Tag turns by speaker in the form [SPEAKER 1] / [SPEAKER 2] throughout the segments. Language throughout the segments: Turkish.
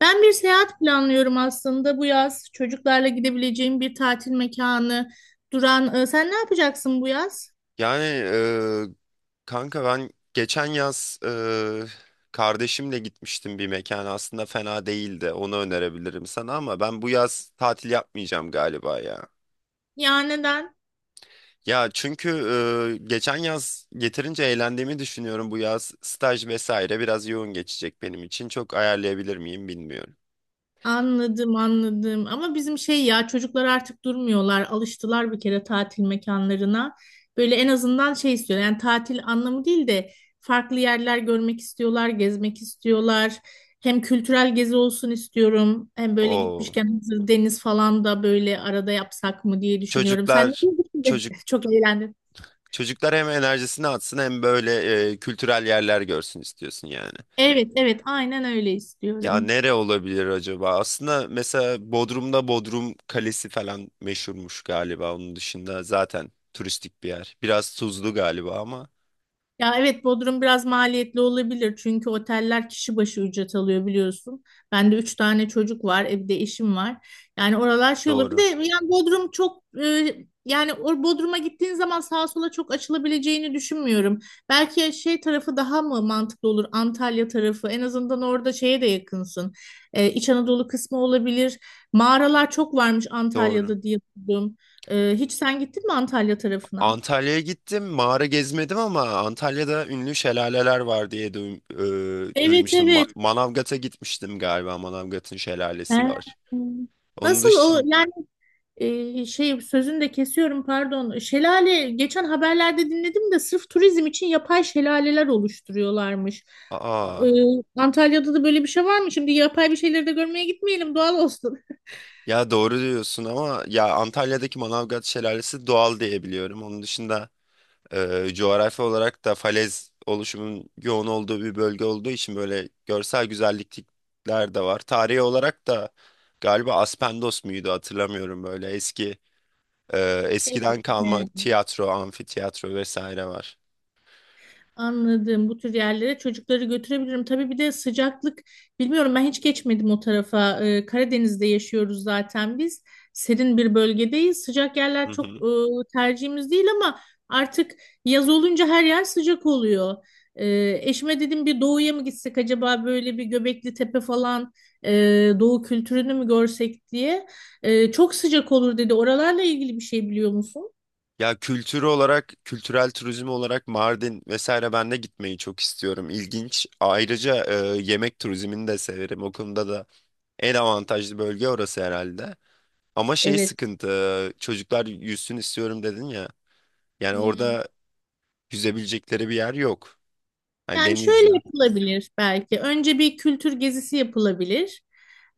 [SPEAKER 1] Ben bir seyahat planlıyorum aslında bu yaz. Çocuklarla gidebileceğim bir tatil mekanı, duran. Sen ne yapacaksın bu yaz?
[SPEAKER 2] Kanka ben geçen yaz kardeşimle gitmiştim bir mekana. Aslında fena değildi. Onu önerebilirim sana ama ben bu yaz tatil yapmayacağım galiba ya.
[SPEAKER 1] Ya neden?
[SPEAKER 2] Ya çünkü geçen yaz yeterince eğlendiğimi düşünüyorum. Bu yaz staj vesaire biraz yoğun geçecek benim için. Çok ayarlayabilir miyim bilmiyorum.
[SPEAKER 1] Anladım, anladım. Ama bizim şey ya çocuklar artık durmuyorlar. Alıştılar bir kere tatil mekanlarına. Böyle en azından şey istiyor, yani tatil anlamı değil de farklı yerler görmek istiyorlar, gezmek istiyorlar. Hem kültürel gezi olsun istiyorum. Hem böyle
[SPEAKER 2] O
[SPEAKER 1] gitmişken hazır deniz falan da böyle arada yapsak mı diye düşünüyorum. Sen ne
[SPEAKER 2] çocuklar
[SPEAKER 1] diyorsun?
[SPEAKER 2] çocuk
[SPEAKER 1] Çok eğlendim.
[SPEAKER 2] çocuklar hem enerjisini atsın hem böyle kültürel yerler görsün istiyorsun yani.
[SPEAKER 1] Evet, evet, aynen öyle
[SPEAKER 2] Ya
[SPEAKER 1] istiyorum.
[SPEAKER 2] nere olabilir acaba? Aslında mesela Bodrum'da Bodrum Kalesi falan meşhurmuş galiba. Onun dışında zaten turistik bir yer. Biraz tuzlu galiba ama
[SPEAKER 1] Ya evet, Bodrum biraz maliyetli olabilir çünkü oteller kişi başı ücret alıyor biliyorsun. Ben de üç tane çocuk var, bir de eşim var. Yani oralar şey olur. Bir de
[SPEAKER 2] doğru.
[SPEAKER 1] yani Bodrum çok yani o Bodrum'a gittiğin zaman sağa sola çok açılabileceğini düşünmüyorum. Belki şey tarafı daha mı mantıklı olur? Antalya tarafı. En azından orada şeye de yakınsın. İç Anadolu kısmı olabilir. Mağaralar çok varmış
[SPEAKER 2] Doğru.
[SPEAKER 1] Antalya'da diye duydum. Hiç sen gittin mi Antalya tarafına?
[SPEAKER 2] Antalya'ya gittim. Mağara gezmedim ama Antalya'da ünlü şelaleler var diye
[SPEAKER 1] Evet,
[SPEAKER 2] duymuştum.
[SPEAKER 1] evet.
[SPEAKER 2] Manavgat'a gitmiştim galiba. Manavgat'ın
[SPEAKER 1] He.
[SPEAKER 2] şelalesi var. Onun
[SPEAKER 1] Nasıl o
[SPEAKER 2] dışında
[SPEAKER 1] yani şey, sözünü de kesiyorum pardon. Şelale geçen haberlerde dinledim de sırf turizm için yapay şelaleler oluşturuyorlarmış.
[SPEAKER 2] aa,
[SPEAKER 1] E, Antalya'da da böyle bir şey var mı? Şimdi yapay bir şeyleri de görmeye gitmeyelim, doğal olsun.
[SPEAKER 2] ya doğru diyorsun ama ya Antalya'daki Manavgat şelalesi doğal diye biliyorum. Onun dışında coğrafi olarak da falez oluşumun yoğun olduğu bir bölge olduğu için böyle görsel güzellikler de var. Tarihi olarak da galiba Aspendos muydu hatırlamıyorum böyle e,
[SPEAKER 1] Evet.
[SPEAKER 2] eskiden
[SPEAKER 1] He.
[SPEAKER 2] kalma tiyatro, amfiteyatro vesaire var.
[SPEAKER 1] Anladım. Bu tür yerlere çocukları götürebilirim. Tabii bir de sıcaklık bilmiyorum, ben hiç geçmedim o tarafa. Karadeniz'de yaşıyoruz zaten biz. Serin bir bölgedeyiz. Sıcak
[SPEAKER 2] Hı
[SPEAKER 1] yerler çok
[SPEAKER 2] hı.
[SPEAKER 1] tercihimiz değil ama artık yaz olunca her yer sıcak oluyor. Eşime dedim bir doğuya mı gitsek acaba, böyle bir Göbekli Tepe falan, e, doğu kültürünü mü görsek diye. Çok sıcak olur dedi. Oralarla ilgili bir şey biliyor musun?
[SPEAKER 2] Ya kültür olarak, kültürel turizm olarak Mardin vesaire ben de gitmeyi çok istiyorum. İlginç. Ayrıca yemek turizmini de severim. O konuda da en avantajlı bölge orası herhalde. Ama şey
[SPEAKER 1] Evet.
[SPEAKER 2] sıkıntı, çocuklar yüzsün istiyorum dedin ya. Yani
[SPEAKER 1] Hmm.
[SPEAKER 2] orada yüzebilecekleri bir yer yok. Hani
[SPEAKER 1] Yani
[SPEAKER 2] deniz
[SPEAKER 1] şöyle
[SPEAKER 2] yok.
[SPEAKER 1] yapılabilir belki. Önce bir kültür gezisi yapılabilir.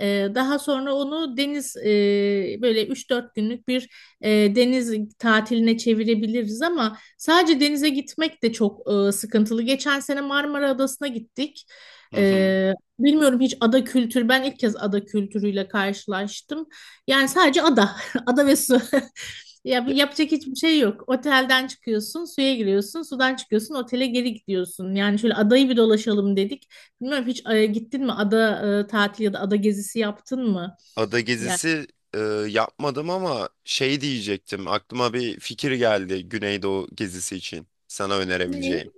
[SPEAKER 1] Daha sonra onu deniz, böyle 3-4 günlük bir e, deniz tatiline çevirebiliriz ama sadece denize gitmek de çok sıkıntılı. Geçen sene Marmara Adası'na gittik.
[SPEAKER 2] Hı hı.
[SPEAKER 1] Ee, Bilmiyorum hiç ada kültürü. Ben ilk kez ada kültürüyle karşılaştım. Yani sadece ada, ada ve su. Ya
[SPEAKER 2] Ya-
[SPEAKER 1] yapacak hiçbir şey yok. Otelden çıkıyorsun, suya giriyorsun, sudan çıkıyorsun, otele geri gidiyorsun. Yani şöyle adayı bir dolaşalım dedik. Bilmiyorum hiç, gittin mi ada tatili ya da ada gezisi yaptın mı?
[SPEAKER 2] Ada
[SPEAKER 1] Yani
[SPEAKER 2] gezisi e, yapmadım ama şey diyecektim. Aklıma bir fikir geldi Güneydoğu gezisi için sana
[SPEAKER 1] ne?
[SPEAKER 2] önerebileceğim.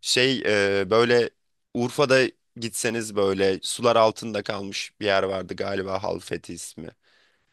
[SPEAKER 2] Şey böyle Urfa'da gitseniz böyle sular altında kalmış bir yer vardı galiba Halfeti ismi.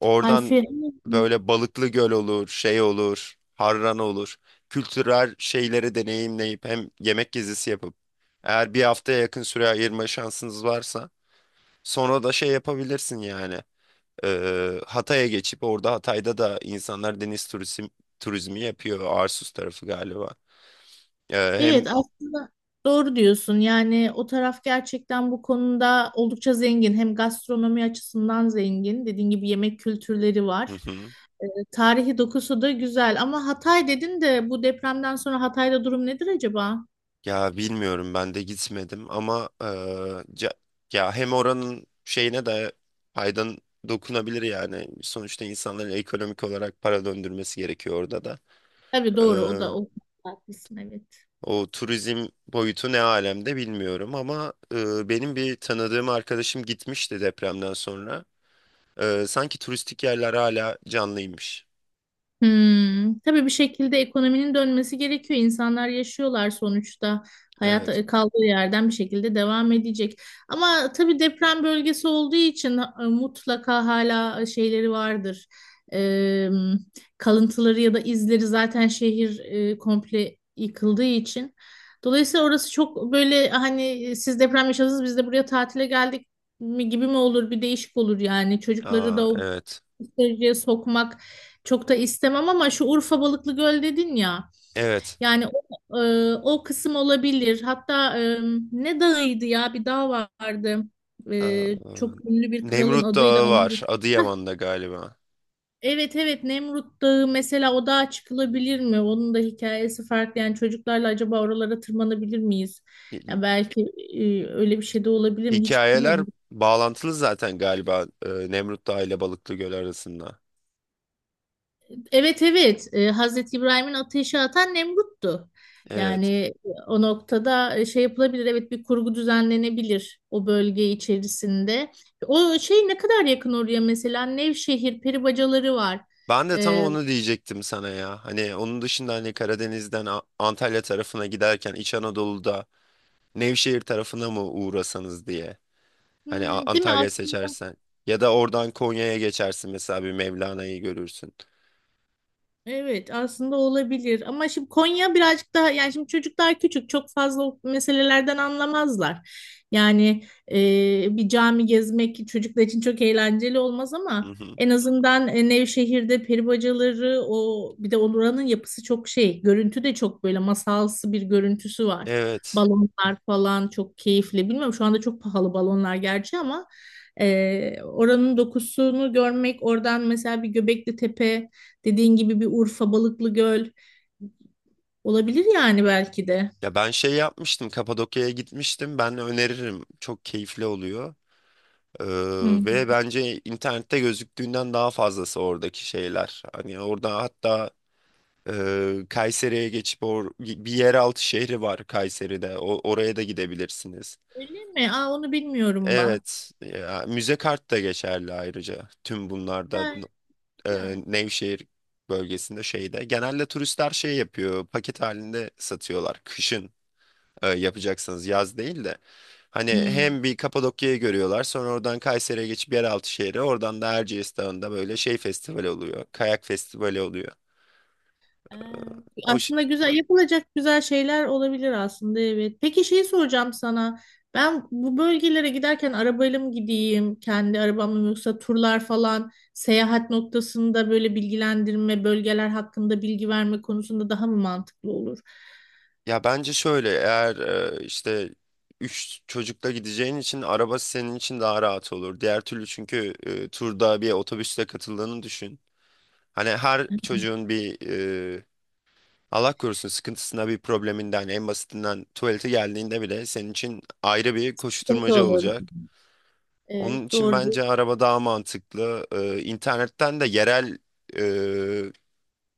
[SPEAKER 2] Oradan
[SPEAKER 1] Alfi.
[SPEAKER 2] böyle Balıklı Göl olur, şey olur, Harran olur. Kültürel şeyleri deneyimleyip hem yemek gezisi yapıp eğer bir haftaya yakın süre ayırma şansınız varsa sonra da şey yapabilirsin yani. Hatay'a geçip orada Hatay'da da insanlar turizmi yapıyor. Arsus tarafı galiba. Hem
[SPEAKER 1] Evet, aslında doğru diyorsun. Yani o taraf gerçekten bu konuda oldukça zengin. Hem gastronomi açısından zengin. Dediğin gibi yemek kültürleri var. Tarihi dokusu da güzel. Ama Hatay dedin de, bu depremden sonra Hatay'da durum nedir acaba?
[SPEAKER 2] Ya bilmiyorum ben de gitmedim ama ca- ya hem oranın şeyine de faydan dokunabilir yani. Sonuçta insanların ekonomik olarak para döndürmesi gerekiyor orada da.
[SPEAKER 1] Tabii, doğru, o da
[SPEAKER 2] Eee,
[SPEAKER 1] o konuda haklısın, evet.
[SPEAKER 2] o turizm boyutu ne alemde bilmiyorum ama benim bir tanıdığım arkadaşım gitmişti depremden sonra. Sanki turistik yerler hala canlıymış.
[SPEAKER 1] Hmm, tabii bir şekilde ekonominin dönmesi gerekiyor. İnsanlar yaşıyorlar sonuçta. Hayat
[SPEAKER 2] Evet.
[SPEAKER 1] kaldığı yerden bir şekilde devam edecek. Ama tabii deprem bölgesi olduğu için mutlaka hala şeyleri vardır. E, Kalıntıları ya da izleri, zaten şehir komple yıkıldığı için. Dolayısıyla orası çok böyle hani, siz deprem yaşadınız biz de buraya tatile geldik mi gibi mi olur, bir değişik olur yani, çocukları
[SPEAKER 2] Aa,
[SPEAKER 1] da o
[SPEAKER 2] evet.
[SPEAKER 1] seyirciye sokmak çok da istemem ama şu Urfa Balıklı Göl dedin ya,
[SPEAKER 2] Evet.
[SPEAKER 1] yani o kısım olabilir, hatta ne dağıydı ya, bir dağ vardı.
[SPEAKER 2] Eee,
[SPEAKER 1] Çok ünlü bir kralın
[SPEAKER 2] Nemrut
[SPEAKER 1] adıyla
[SPEAKER 2] Dağı
[SPEAKER 1] anılır.
[SPEAKER 2] var Adıyaman'da galiba.
[SPEAKER 1] Evet, evet, Nemrut Dağı mesela, o dağa çıkılabilir mi? Onun da hikayesi farklı yani, çocuklarla acaba oralara tırmanabilir miyiz? Ya belki öyle bir şey de olabilir mi? Hiç
[SPEAKER 2] Hikayeler
[SPEAKER 1] bilmiyorum.
[SPEAKER 2] bağlantılı zaten galiba Nemrut Dağı ile Balıklıgöl arasında.
[SPEAKER 1] Evet, evet, Hazreti İbrahim'in ateşe atan Nemrut'tu.
[SPEAKER 2] Evet.
[SPEAKER 1] Yani o noktada şey yapılabilir, evet, bir kurgu düzenlenebilir o bölge içerisinde. O şey ne kadar yakın oraya, mesela Nevşehir peribacaları var.
[SPEAKER 2] Ben de tam
[SPEAKER 1] E,
[SPEAKER 2] onu diyecektim sana ya. Hani onun dışında hani Karadeniz'den Antalya tarafına giderken İç Anadolu'da Nevşehir tarafına mı uğrasanız diye. Hani
[SPEAKER 1] hmm, değil mi?
[SPEAKER 2] Antalya seçersen. Ya da oradan Konya'ya geçersin mesela bir Mevlana'yı görürsün.
[SPEAKER 1] Evet aslında olabilir ama şimdi Konya birazcık daha, yani şimdi çocuklar küçük, çok fazla o meselelerden anlamazlar. Yani bir cami gezmek çocuklar için çok eğlenceli olmaz
[SPEAKER 2] Hı
[SPEAKER 1] ama
[SPEAKER 2] hı.
[SPEAKER 1] en azından Nevşehir'de peri bacaları, o bir de oranın yapısı çok şey, görüntü de çok böyle masalsı bir görüntüsü var.
[SPEAKER 2] Evet.
[SPEAKER 1] Balonlar falan çok keyifli, bilmiyorum, şu anda çok pahalı balonlar gerçi ama oranın dokusunu görmek, oradan mesela bir Göbekli Tepe, dediğin gibi bir Urfa, Balıklıgöl olabilir yani belki de.
[SPEAKER 2] Ya ben şey yapmıştım. Kapadokya'ya gitmiştim. Ben öneririm. Çok keyifli oluyor. Ee,
[SPEAKER 1] Hmm.
[SPEAKER 2] ve bence internette gözüktüğünden daha fazlası oradaki şeyler. Hani orada hatta Kayseri'ye geçip bir yeraltı şehri var Kayseri'de. O oraya da gidebilirsiniz.
[SPEAKER 1] Öyle mi? Aa, onu bilmiyorum bak.
[SPEAKER 2] Evet, ya, müze kart da geçerli ayrıca. Tüm bunlarda
[SPEAKER 1] Ha, güzel.
[SPEAKER 2] Nevşehir bölgesinde şeyde. Genelde turistler şey yapıyor, paket halinde satıyorlar. Kışın yapacaksınız, yaz değil de. Hani
[SPEAKER 1] Hmm.
[SPEAKER 2] hem bir Kapadokya'yı görüyorlar, sonra oradan Kayseri'ye geçip yeraltı şehri, oradan da Erciyes Dağı'nda böyle şey festivali oluyor, kayak festivali oluyor.
[SPEAKER 1] Ee,
[SPEAKER 2] O,
[SPEAKER 1] Aslında güzel yapılacak güzel şeyler olabilir aslında, evet. Peki şeyi soracağım sana. Ben bu bölgelere giderken arabayla mı gideyim, kendi arabamla mı, yoksa turlar falan seyahat noktasında böyle bilgilendirme, bölgeler hakkında bilgi verme konusunda daha mı mantıklı olur?
[SPEAKER 2] ya bence şöyle eğer e, işte 3 çocukla gideceğin için araba senin için daha rahat olur. Diğer türlü çünkü turda bir otobüsle katıldığını düşün. Hani her çocuğun bir e, Allah korusun sıkıntısına bir probleminden en basitinden tuvalete geldiğinde bile senin için ayrı bir
[SPEAKER 1] Sıkıntı
[SPEAKER 2] koşturmaca
[SPEAKER 1] olur.
[SPEAKER 2] olacak.
[SPEAKER 1] Evet,
[SPEAKER 2] Onun için
[SPEAKER 1] doğru.
[SPEAKER 2] bence araba daha mantıklı. E, internetten de yerel e,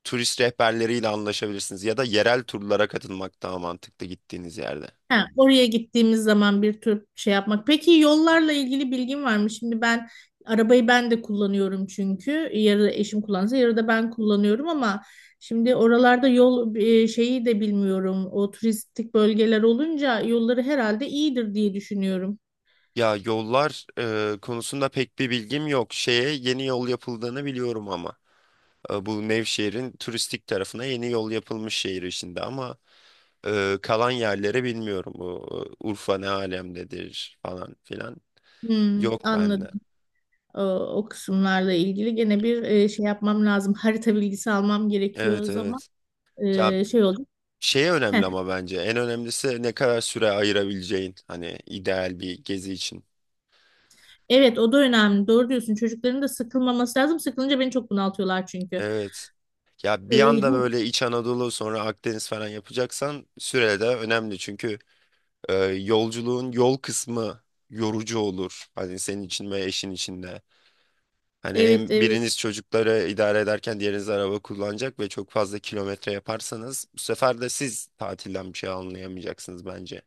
[SPEAKER 2] turist rehberleriyle anlaşabilirsiniz ya da yerel turlara katılmak daha mantıklı gittiğiniz yerde.
[SPEAKER 1] Ha, oraya gittiğimiz zaman bir tür şey yapmak. Peki yollarla ilgili bilgin var mı? Şimdi ben arabayı, ben de kullanıyorum çünkü. Yarı eşim kullansa, yarı da ben kullanıyorum ama şimdi oralarda yol şeyi de bilmiyorum. O turistik bölgeler olunca yolları herhalde iyidir diye düşünüyorum.
[SPEAKER 2] Ya yollar konusunda pek bir bilgim yok. Şeye yeni yol yapıldığını biliyorum ama bu Nevşehir'in turistik tarafına yeni yol yapılmış şehir içinde ama kalan yerleri bilmiyorum. Bu Urfa ne alemdedir falan filan
[SPEAKER 1] Hmm,
[SPEAKER 2] yok
[SPEAKER 1] anladım.
[SPEAKER 2] bende.
[SPEAKER 1] O, o kısımlarla ilgili gene bir şey yapmam lazım. Harita bilgisi almam gerekiyor o
[SPEAKER 2] Evet
[SPEAKER 1] zaman.
[SPEAKER 2] evet. Ya
[SPEAKER 1] Şey oldu.
[SPEAKER 2] şey önemli ama bence en önemlisi ne kadar süre ayırabileceğin hani ideal bir gezi için.
[SPEAKER 1] Evet, o da önemli. Doğru diyorsun. Çocukların da sıkılmaması lazım. Sıkılınca beni çok bunaltıyorlar çünkü.
[SPEAKER 2] Evet. Ya
[SPEAKER 1] Ee,
[SPEAKER 2] bir anda
[SPEAKER 1] yani-
[SPEAKER 2] böyle İç Anadolu sonra Akdeniz falan yapacaksan süre de önemli. Çünkü yolculuğun yol kısmı yorucu olur. Hani senin için ve eşin için de. Hani
[SPEAKER 1] evet,
[SPEAKER 2] hem
[SPEAKER 1] evet.
[SPEAKER 2] biriniz çocukları idare ederken diğeriniz araba kullanacak ve çok fazla kilometre yaparsanız bu sefer de siz tatilden bir şey anlayamayacaksınız bence.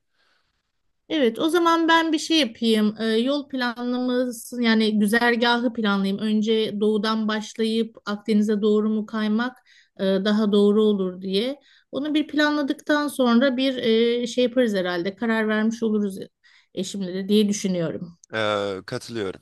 [SPEAKER 1] Evet, o zaman ben bir şey yapayım. Yol planlaması, yani güzergahı planlayayım. Önce doğudan başlayıp Akdeniz'e doğru mu kaymak daha doğru olur diye. Onu bir planladıktan sonra bir şey yaparız herhalde. Karar vermiş oluruz eşimle de diye düşünüyorum.
[SPEAKER 2] E, katılıyorum.